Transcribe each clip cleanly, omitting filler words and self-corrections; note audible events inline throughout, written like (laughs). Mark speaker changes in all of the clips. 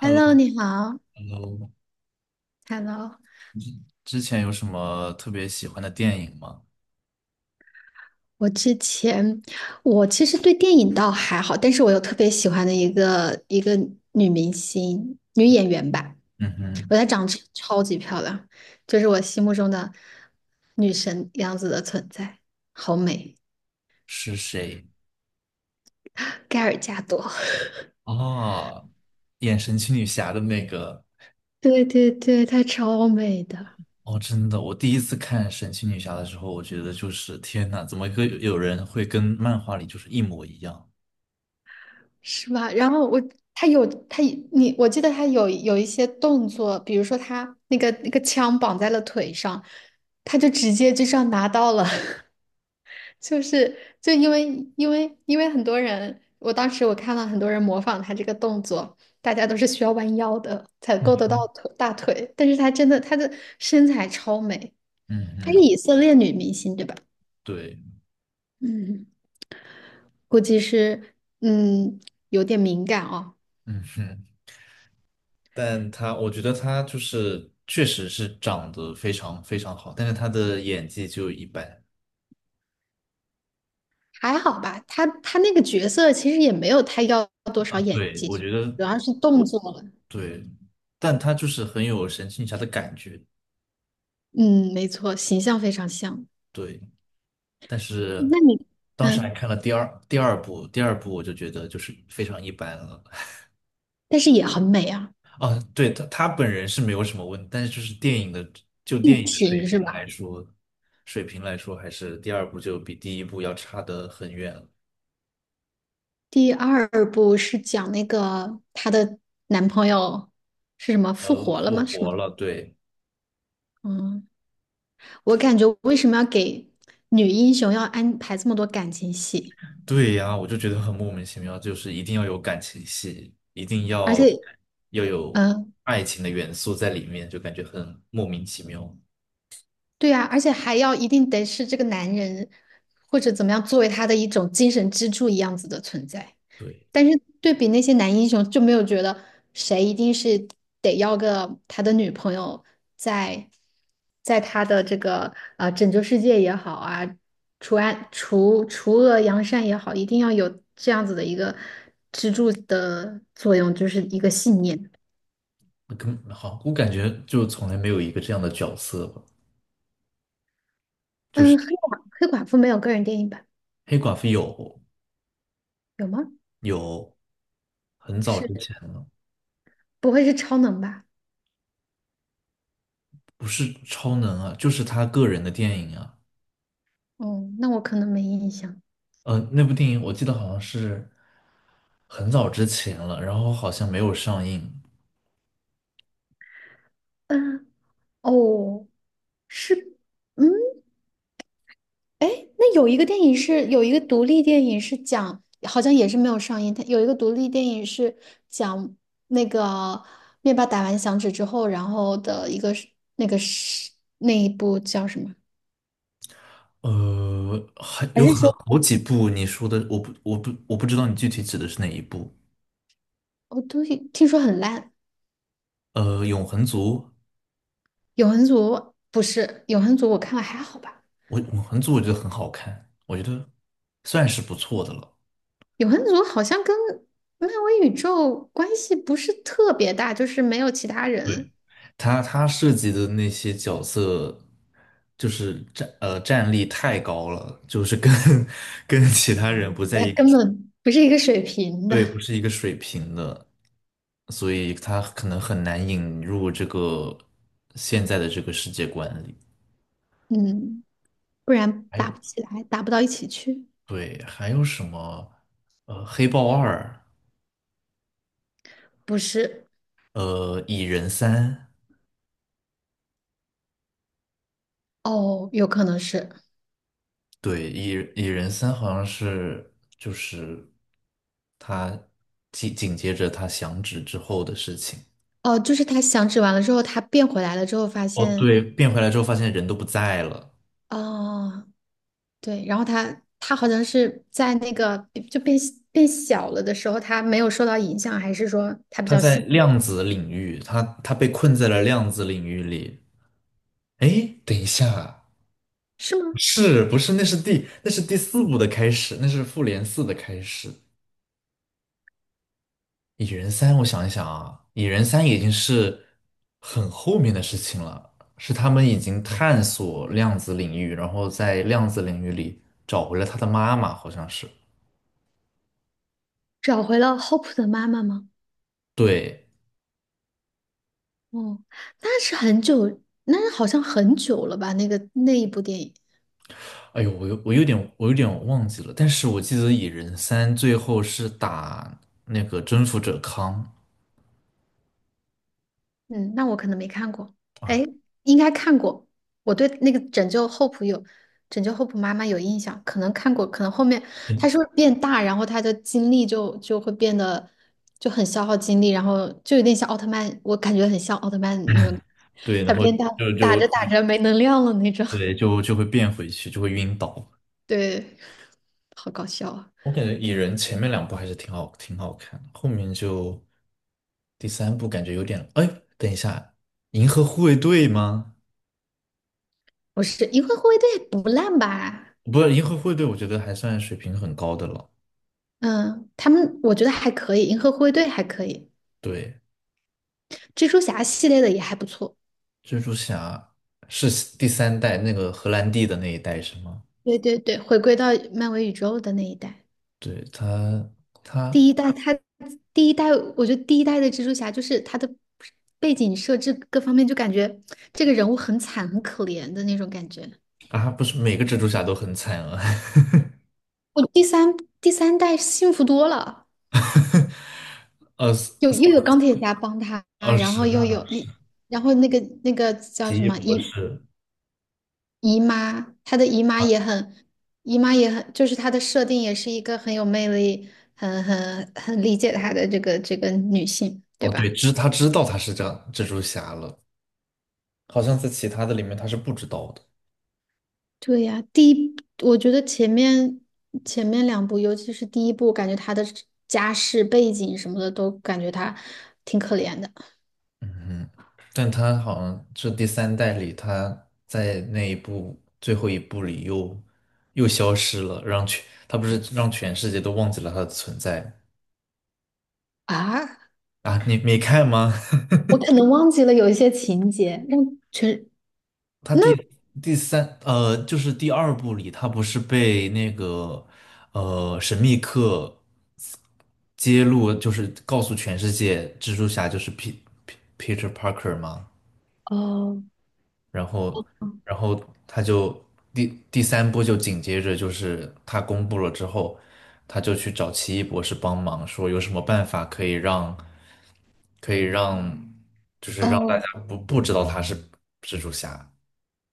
Speaker 1: Hello，你好。
Speaker 2: Hello，Hello，
Speaker 1: Hello，
Speaker 2: 之之前有什么特别喜欢的电影吗？
Speaker 1: 我之前我其实对电影倒还好，但是我有特别喜欢的一个女明星、女演员吧，
Speaker 2: 嗯哼，
Speaker 1: 我觉得她长得超级漂亮，就是我心目中的女神样子的存在，好美，
Speaker 2: 是谁？
Speaker 1: 盖尔加朵。(laughs)
Speaker 2: 哦，演神奇女侠的那个。
Speaker 1: 对对对，她超美的。
Speaker 2: 哦，真的，我第一次看神奇女侠的时候，我觉得就是天呐，怎么会有人会跟漫画里就是一模一样？
Speaker 1: 是吧？他有他我记得他有一些动作，比如说他那个枪绑在了腿上，他就直接就这样拿到了。(laughs) 就是就因为因为因为很多人，我当时我看了很多人模仿他这个动作，大家都是需要弯腰的才
Speaker 2: 嗯
Speaker 1: 够得到
Speaker 2: 哼，
Speaker 1: 腿大腿，但是他的身材超美。
Speaker 2: 嗯
Speaker 1: 她是
Speaker 2: 哼，
Speaker 1: 以色列女明星对吧？
Speaker 2: 对，
Speaker 1: 嗯，估计是嗯有点敏感哦。
Speaker 2: 嗯哼，但他，我觉得他就是确实是长得非常非常好，但是他的演技就一般。
Speaker 1: 还好吧，他那个角色其实也没有太要多少演
Speaker 2: 对，
Speaker 1: 技，
Speaker 2: 我觉得。
Speaker 1: 主要是动作了。
Speaker 2: 对，但他就是很有神奇女侠的感觉，
Speaker 1: 嗯，没错，形象非常像。
Speaker 2: 对。但是
Speaker 1: 那你，
Speaker 2: 当时还
Speaker 1: 嗯，
Speaker 2: 看了第二部，第二部我就觉得就是非常一般了。
Speaker 1: 但是也很美啊，
Speaker 2: 啊，对，他本人是没有什么问题，但是就是电影的就电影的水
Speaker 1: 行是
Speaker 2: 平来
Speaker 1: 吧？
Speaker 2: 说，水平来说还是第二部就比第一部要差得很远了。
Speaker 1: 第二部是讲那个她的男朋友是什么复活了吗？
Speaker 2: 复
Speaker 1: 是吗？
Speaker 2: 活了，对。
Speaker 1: 嗯，我感觉为什么要给女英雄要安排这么多感情戏，
Speaker 2: 对呀，我就觉得很莫名其妙，就是一定要有感情戏，一定
Speaker 1: 而
Speaker 2: 要
Speaker 1: 且，
Speaker 2: 要有
Speaker 1: 嗯、
Speaker 2: 爱情的元素在里面，就感觉很莫名其妙。
Speaker 1: 对啊，而且还要一定得是这个男人，或者怎么样，作为他的一种精神支柱一样子的存在。
Speaker 2: 对，
Speaker 1: 但是对比那些男英雄，就没有觉得谁一定是得要个他的女朋友在，他的这个拯救世界也好啊，除暗除除恶扬善也好，一定要有这样子的一个支柱的作用，就是一个信念。
Speaker 2: 那根本好，我感觉就从来没有一个这样的角色吧，就是
Speaker 1: 嗯，黑寡妇没有个人电影版，
Speaker 2: 黑寡妇有
Speaker 1: 有吗？
Speaker 2: 有很早之
Speaker 1: 是
Speaker 2: 前了，
Speaker 1: 不会是超能吧？
Speaker 2: 不是超能啊，就是他个人的电影啊，
Speaker 1: 哦，那我可能没印象。
Speaker 2: 那部电影我记得好像是很早之前了，然后好像没有上映。
Speaker 1: 嗯，哦，是，嗯，哎，那有一个电影是有一个独立电影是讲，好像也是没有上映。它有一个独立电影是讲那个灭霸打完响指之后，然后的一个是那个是那一部叫什么？
Speaker 2: 还
Speaker 1: 还
Speaker 2: 有
Speaker 1: 是
Speaker 2: 很
Speaker 1: 说
Speaker 2: 好几部你说的，我不知道你具体指的是哪一部。
Speaker 1: 哦，对，听说很烂。
Speaker 2: 呃，《永恒族》，
Speaker 1: 永恒族不是，永恒族我看了还好吧。
Speaker 2: 我《永恒族》我觉得很好看，我觉得算是不错的了。
Speaker 1: 永恒族好像跟漫威宇宙关系不是特别大，就是没有其他
Speaker 2: 对，
Speaker 1: 人。
Speaker 2: 他设计的那些角色，就是战力太高了，就是跟 (laughs) 跟其他人不在
Speaker 1: 那
Speaker 2: 一个
Speaker 1: 根本不是一个水平的。
Speaker 2: 对，不是一个水平的，所以他可能很难引入这个现在的这个世界观里。
Speaker 1: 嗯，不然
Speaker 2: 还
Speaker 1: 打
Speaker 2: 有，
Speaker 1: 不起来，打不到一起去。
Speaker 2: 对，还有什么？黑豹二，
Speaker 1: 不是，
Speaker 2: 蚁人三，
Speaker 1: 哦，有可能是，
Speaker 2: 对，蚁人三好像是就是他紧接着他响指之后的事情。
Speaker 1: 哦，就是他响指完了之后，他变回来了之后，发
Speaker 2: 哦，
Speaker 1: 现，
Speaker 2: 对，变回来之后发现人都不在了，
Speaker 1: 哦，对，然后他好像是在那个就变变小了的时候，他没有受到影响，还是说他比
Speaker 2: 他
Speaker 1: 较
Speaker 2: 在
Speaker 1: 幸运，
Speaker 2: 量子领域，他被困在了量子领域里。哎，等一下，
Speaker 1: 是吗？
Speaker 2: 是不是，那是第四部的开始，那是复联四的开始。蚁人三，我想一想啊，蚁人三已经是很后面的事情了，是他们已经探索量子领域，然后在量子领域里找回了他的妈妈，好像是。
Speaker 1: 找回了 Hope 的妈妈吗？
Speaker 2: 对，
Speaker 1: 哦，那是很久，那是好像很久了吧？那个那一部电影。
Speaker 2: 哎呦，我有点忘记了，但是我记得蚁人三最后是打那个征服者康，
Speaker 1: 嗯，那我可能没看过，哎，应该看过。我对那个《拯救 Hope 有《拯救 Hope 妈妈》有印象，可能看过，可能后面她
Speaker 2: 嗯，
Speaker 1: 是不是变大，然后她的精力就会变得就很消耗精力，然后就有点像奥特曼，我感觉很像奥特曼那种，
Speaker 2: 对，
Speaker 1: 她
Speaker 2: 然后
Speaker 1: 变大
Speaker 2: 就
Speaker 1: 打
Speaker 2: 就
Speaker 1: 着打着没能量了那种。
Speaker 2: 对就会变回去，就会晕倒。
Speaker 1: (laughs) 对，好搞笑啊！
Speaker 2: 我感觉蚁人前面两部还是挺好看的，后面就第三部感觉有点。哎，等一下，银河护卫队吗？
Speaker 1: 不是《银河护卫队》不烂吧？
Speaker 2: 不是，银河护卫队，我觉得还算水平很高的了。
Speaker 1: 嗯，他们我觉得还可以，《银河护卫队》还可以，
Speaker 2: 对，
Speaker 1: 蜘蛛侠系列的也还不错。
Speaker 2: 蜘蛛侠是第三代那个荷兰弟的那一代是吗？
Speaker 1: 对对对，回归到漫威宇宙的那一代，
Speaker 2: 对，他他
Speaker 1: 第一代他第一代，我觉得第一代的蜘蛛侠就是他的背景设置各方面，就感觉这个人物很惨很可怜的那种感觉。
Speaker 2: 啊，不是每个蜘蛛侠都很惨啊，
Speaker 1: 我第三代幸福多了，
Speaker 2: (laughs) 二
Speaker 1: 有
Speaker 2: 十
Speaker 1: 又有钢铁侠帮他，
Speaker 2: 二
Speaker 1: 然后
Speaker 2: 十
Speaker 1: 又
Speaker 2: 那倒
Speaker 1: 有
Speaker 2: 是
Speaker 1: 一，然后那个叫
Speaker 2: 奇
Speaker 1: 什
Speaker 2: 异
Speaker 1: 么
Speaker 2: 博
Speaker 1: 姨，
Speaker 2: 士，
Speaker 1: 他的姨妈也很，就是她的设定也是一个很有魅力，很很理解她的这个女性，对
Speaker 2: 哦，对，
Speaker 1: 吧？
Speaker 2: 知道他是这样蜘蛛侠了。好像在其他的里面他是不知道的，
Speaker 1: 对呀，第一，我觉得前面两部，尤其是第一部，感觉他的家世背景什么的，都感觉他挺可怜的。
Speaker 2: 嗯哼，但他好像这第三代里，他在那一部最后一部里又消失了，他不是让全世界都忘记了他的存在。
Speaker 1: 啊？
Speaker 2: 啊？你没看吗？
Speaker 1: 我可能忘记了有一些情节，让全
Speaker 2: (laughs) 他
Speaker 1: 那，
Speaker 2: 第第三呃，就是第二部里，他不是被那个神秘客揭露，就是告诉全世界蜘蛛侠就是 Peter Parker 吗？
Speaker 1: 哦，
Speaker 2: 然后，然后他就第三部就紧接着就是他公布了之后，他就去找奇异博士帮忙，说有什么办法可以让可以让就是让大家
Speaker 1: 哦
Speaker 2: 不知道他是蜘蛛侠，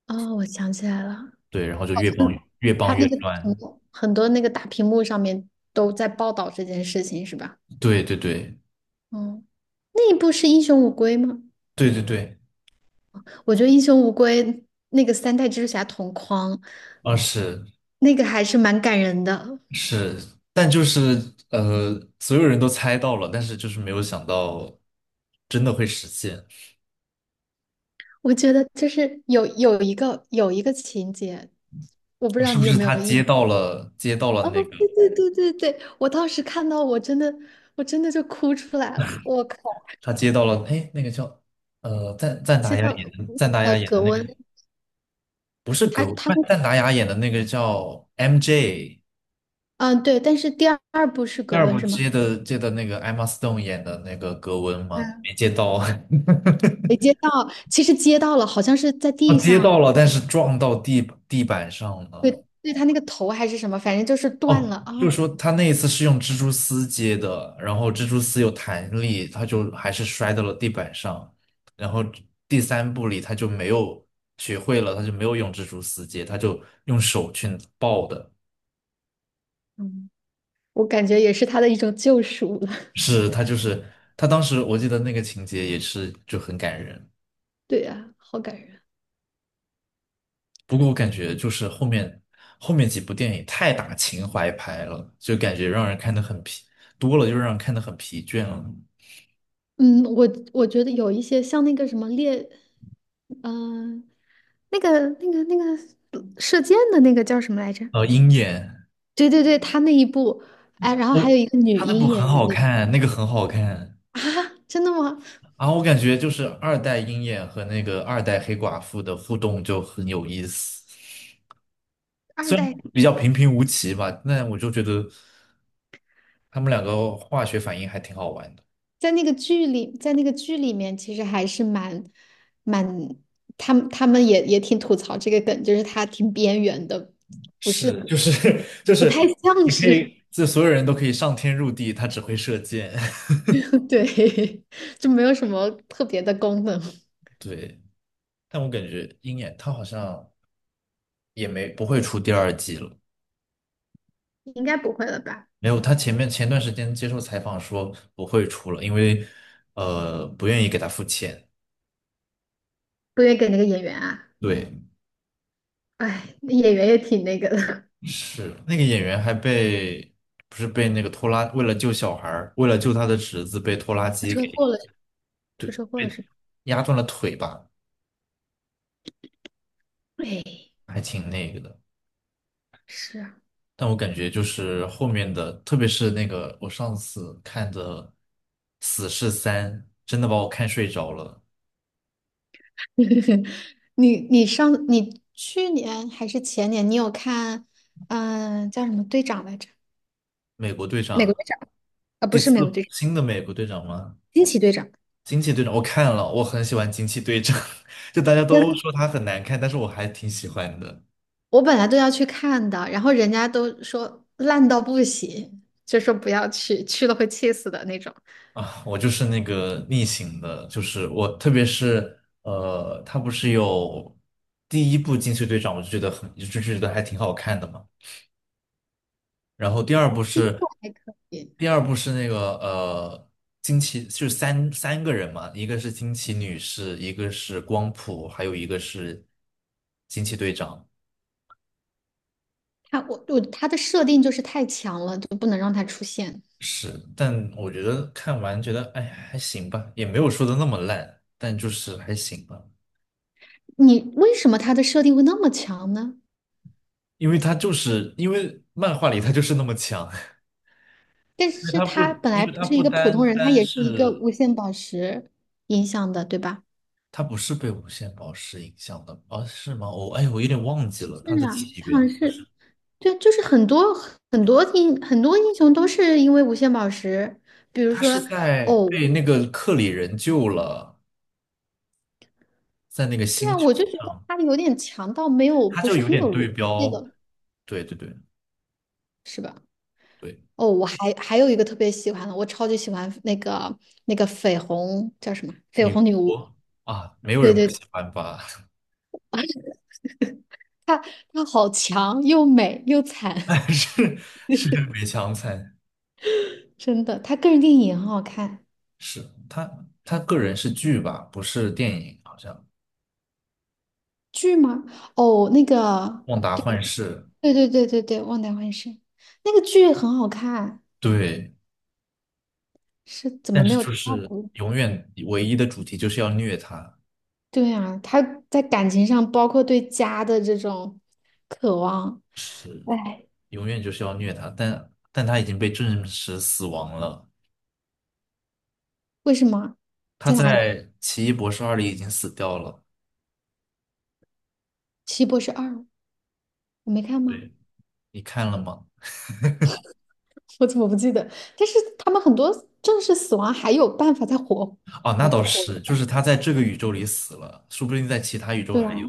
Speaker 1: 哦，我想起来了，
Speaker 2: 对，然后就
Speaker 1: 嗯，
Speaker 2: 越
Speaker 1: 他
Speaker 2: 帮越
Speaker 1: 那个
Speaker 2: 乱，
Speaker 1: 很多那个大屏幕上面都在报道这件事情，是吧？
Speaker 2: 对对对
Speaker 1: 嗯，那一部是《英雄无归》吗？
Speaker 2: 对对对，
Speaker 1: 我觉得《英雄无归》那个三代蜘蛛侠同框，
Speaker 2: 啊是
Speaker 1: 那个还是蛮感人的。
Speaker 2: 是，但就是所有人都猜到了，但是就是没有想到真的会实现，啊
Speaker 1: 我觉得就是有一个情节，我不知道
Speaker 2: 是
Speaker 1: 你
Speaker 2: 不
Speaker 1: 有
Speaker 2: 是
Speaker 1: 没有
Speaker 2: 他
Speaker 1: 印，
Speaker 2: 接到了
Speaker 1: 哦，
Speaker 2: 那个？
Speaker 1: 对对对对对，我当时看到我真的就哭出来了。我靠，
Speaker 2: 他接到了，哎，那个叫赞达
Speaker 1: 知
Speaker 2: 亚
Speaker 1: 道，
Speaker 2: 演的
Speaker 1: 呃，葛
Speaker 2: 那个
Speaker 1: 温
Speaker 2: 不是
Speaker 1: 他
Speaker 2: 不是赞达亚演的那个叫 MJ，
Speaker 1: 嗯对，但是第二部是
Speaker 2: 第
Speaker 1: 葛
Speaker 2: 二
Speaker 1: 温
Speaker 2: 部
Speaker 1: 是吗？
Speaker 2: 接的那个 Emma Stone 演的那个格温吗？
Speaker 1: 嗯，
Speaker 2: 没接到，
Speaker 1: 没接到，其实接到了，好像是在
Speaker 2: (laughs) 他
Speaker 1: 地
Speaker 2: 接
Speaker 1: 上，
Speaker 2: 到了，但是撞到地板上了。
Speaker 1: 对对，他那个头还是什么，反正就是断
Speaker 2: 哦，
Speaker 1: 了啊。
Speaker 2: 就是说他那一次是用蜘蛛丝接的，然后蜘蛛丝有弹力，他就还是摔到了地板上。然后第三部里他就没有学会了，他就没有用蜘蛛丝接，他就用手去抱的。
Speaker 1: 嗯，我感觉也是他的一种救赎了。(laughs)
Speaker 2: 是他就是他当时我记得那个情节也是就很感人。
Speaker 1: 对呀，好感人。
Speaker 2: 不过我感觉就是后面几部电影太打情怀牌了，就感觉让人看得很疲，多了就让人看得很疲倦了。
Speaker 1: 嗯，我觉得有一些像那个什么猎，嗯、那个射箭的那个叫什么来着？
Speaker 2: 鹰眼。
Speaker 1: 对对对，他那一部，哎，然后还有
Speaker 2: 我
Speaker 1: 一个女
Speaker 2: 他那部
Speaker 1: 鹰
Speaker 2: 很
Speaker 1: 演的
Speaker 2: 好
Speaker 1: 那个。
Speaker 2: 看，那个很好看
Speaker 1: (laughs) 啊，真的吗？
Speaker 2: 啊！我感觉就是二代鹰眼和那个二代黑寡妇的互动就很有意思，
Speaker 1: 二
Speaker 2: 虽然
Speaker 1: 代。
Speaker 2: 比较平平无奇吧，但我就觉得他们两个化学反应还挺好玩的。
Speaker 1: 在那个剧里，在那个剧里面，其实还是蛮，蛮，他们也挺吐槽这个梗，就是他挺边缘的，不是
Speaker 2: 是，就
Speaker 1: 很，
Speaker 2: 是 (laughs) 就
Speaker 1: 不太
Speaker 2: 是
Speaker 1: 像
Speaker 2: 你可以，
Speaker 1: 是。
Speaker 2: 这所有人都可以上天入地，他只会射箭。(laughs)
Speaker 1: (laughs) 对，(laughs) 就没有什么特别的功能。
Speaker 2: 对，但我感觉鹰眼他好像也没不会出第二季了。
Speaker 1: 应该不会了吧？
Speaker 2: 没有，他前段时间接受采访说不会出了，因为不愿意给他付钱。
Speaker 1: 不愿意给那个演员啊？
Speaker 2: 对，
Speaker 1: 哎，那演员也挺那个的。
Speaker 2: 是那个演员不是被那个拖拉，为了救他的侄子，被拖拉
Speaker 1: (laughs) 出
Speaker 2: 机
Speaker 1: 车
Speaker 2: 给，
Speaker 1: 祸了，
Speaker 2: 对，
Speaker 1: 出车祸了
Speaker 2: 被
Speaker 1: 是吧？
Speaker 2: 压断了腿吧，
Speaker 1: 哎，
Speaker 2: 还挺那个的。
Speaker 1: 是啊，
Speaker 2: 但我感觉就是后面的，特别是那个我上次看的《死侍三》，真的把我看睡着了。
Speaker 1: (laughs) 你去年还是前年，你有看，叫什么队长来着？
Speaker 2: 美国队
Speaker 1: 美国
Speaker 2: 长
Speaker 1: 队长，啊，不
Speaker 2: 第
Speaker 1: 是
Speaker 2: 四
Speaker 1: 美国队长，
Speaker 2: 新的美国队长吗？
Speaker 1: 惊奇队长。
Speaker 2: 惊奇队长我看了，我很喜欢惊奇队长，(laughs) 就大家都
Speaker 1: 跟
Speaker 2: 说他很难看，但是我还挺喜欢的
Speaker 1: 我本来都要去看的，然后人家都说烂到不行，就说不要去，去了会气死的那种。
Speaker 2: 啊。我就是那个逆行的，就是我，特别是他不是有第一部惊奇队长，我就觉得就觉得还挺好看的嘛。然后第二部
Speaker 1: 第一部
Speaker 2: 是，
Speaker 1: 还可以，
Speaker 2: 第二部是那个惊奇就是三个人嘛，一个是惊奇女士，一个是光谱，还有一个是惊奇队长。
Speaker 1: 它它的设定就是太强了，就不能让它出现。
Speaker 2: 是，但我觉得看完觉得，哎，还行吧，也没有说的那么烂，但就是还行吧。
Speaker 1: 你为什么它的设定会那么强呢？
Speaker 2: 因为它就是因为漫画里它就是那么强，
Speaker 1: 但
Speaker 2: (laughs) 因为
Speaker 1: 是
Speaker 2: 它不，
Speaker 1: 它本
Speaker 2: 因
Speaker 1: 来
Speaker 2: 为
Speaker 1: 不
Speaker 2: 它
Speaker 1: 是一
Speaker 2: 不
Speaker 1: 个普通
Speaker 2: 单
Speaker 1: 人，它
Speaker 2: 单
Speaker 1: 也是一个
Speaker 2: 是
Speaker 1: 无限宝石影响的，对吧？
Speaker 2: 它不是被无限宝石影响的，哦，是吗？哎，我有点忘记了它
Speaker 1: 是
Speaker 2: 的
Speaker 1: 啊，
Speaker 2: 起
Speaker 1: 他好
Speaker 2: 源，
Speaker 1: 像是，对，就是很多，很多英雄都是因为无限宝石，比如
Speaker 2: 它
Speaker 1: 说，
Speaker 2: 是在
Speaker 1: 哦，
Speaker 2: 被那个克里人救了，在那个
Speaker 1: 对
Speaker 2: 星
Speaker 1: 啊，
Speaker 2: 球
Speaker 1: 我就觉得
Speaker 2: 上，
Speaker 1: 他有点强到没有，
Speaker 2: 它
Speaker 1: 不
Speaker 2: 就
Speaker 1: 是
Speaker 2: 有
Speaker 1: 很
Speaker 2: 点
Speaker 1: 有
Speaker 2: 对
Speaker 1: 逻辑
Speaker 2: 标，
Speaker 1: 了。
Speaker 2: 对对对对，
Speaker 1: 哦，我还有一个特别喜欢的，我超级喜欢那个，那个绯红叫什么？绯
Speaker 2: 女
Speaker 1: 红女巫。
Speaker 2: 国啊，没有
Speaker 1: 对
Speaker 2: 人不
Speaker 1: 对，
Speaker 2: 喜欢吧？
Speaker 1: 她，好强，又美又惨，
Speaker 2: (laughs) 是是梅强惨，
Speaker 1: (laughs) 真的。她个人电影也很好看。
Speaker 2: 是，他个人是剧吧，不是电影，好像
Speaker 1: 剧吗？哦，那个，
Speaker 2: 《旺达幻视》
Speaker 1: 对对对对对，忘掉幻视，那个剧很好看，
Speaker 2: 对，
Speaker 1: 是怎么
Speaker 2: 但
Speaker 1: 没
Speaker 2: 是
Speaker 1: 有
Speaker 2: 就
Speaker 1: 第二
Speaker 2: 是
Speaker 1: 部？
Speaker 2: 永远唯一的主题就是要虐他，
Speaker 1: 对啊，她在感情上，包括对家的这种渴望，
Speaker 2: 是
Speaker 1: 哎，
Speaker 2: 永远就是要虐他，但他已经被证实死亡了，
Speaker 1: 为什么
Speaker 2: 他
Speaker 1: 在哪里？
Speaker 2: 在《奇异博士二》里已经死掉了，
Speaker 1: 奇异博士二，我没看吗？
Speaker 2: 对，你看了吗？
Speaker 1: 我怎么不记得？但是他们很多正式死亡还有办法再活，
Speaker 2: 哦，那
Speaker 1: 回
Speaker 2: 倒
Speaker 1: 活
Speaker 2: 是，
Speaker 1: 过
Speaker 2: 就
Speaker 1: 来，
Speaker 2: 是他在这个宇宙里死了，说不定在其他宇宙
Speaker 1: 对啊，
Speaker 2: 还有，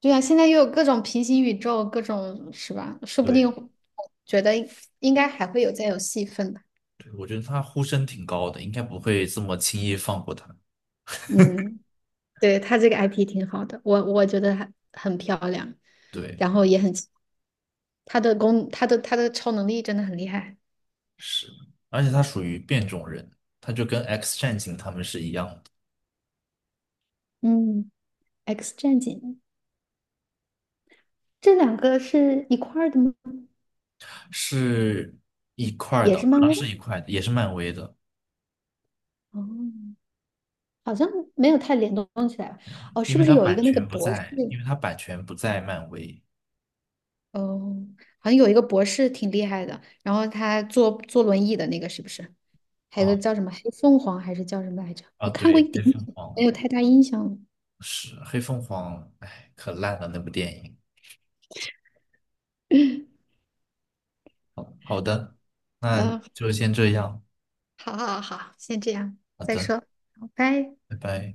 Speaker 1: 对啊，现在又有各种平行宇宙，各种是吧？说不
Speaker 2: 对，
Speaker 1: 定觉得应该还会有再有戏份吧。
Speaker 2: 对，我觉得他呼声挺高的，应该不会这么轻易放过他。
Speaker 1: 嗯，对，他这个 IP 挺好的，我觉得很，漂亮，
Speaker 2: 对，
Speaker 1: 然后也很奇，他的超能力真的很厉害。
Speaker 2: 是，而且他属于变种人，他就跟 X 战警他们是一样的，
Speaker 1: 嗯，X 战警这两个是一块儿的吗？
Speaker 2: 是一块儿
Speaker 1: 也
Speaker 2: 的，
Speaker 1: 是
Speaker 2: 好
Speaker 1: 漫
Speaker 2: 像
Speaker 1: 威的？
Speaker 2: 是一块的，也是漫威的，
Speaker 1: 哦。好像没有太联动起来吧。哦，是不是有一个那个博士？
Speaker 2: 因为他版权不在漫威。
Speaker 1: 哦，好像有一个博士挺厉害的，然后他坐轮椅的那个是不是？还有个
Speaker 2: 啊
Speaker 1: 叫什么黑凤凰还是叫什么来着？
Speaker 2: 啊，
Speaker 1: 我看过一
Speaker 2: 对，
Speaker 1: 点
Speaker 2: 黑凤
Speaker 1: 点，
Speaker 2: 凰
Speaker 1: 没有太大印象了。
Speaker 2: 是黑凤凰，哎，可烂了那部电影。好的，那
Speaker 1: 嗯，
Speaker 2: 就先这样，
Speaker 1: 好好好，先这样，
Speaker 2: 好
Speaker 1: 再
Speaker 2: 的，
Speaker 1: 说，好，拜。
Speaker 2: 拜拜。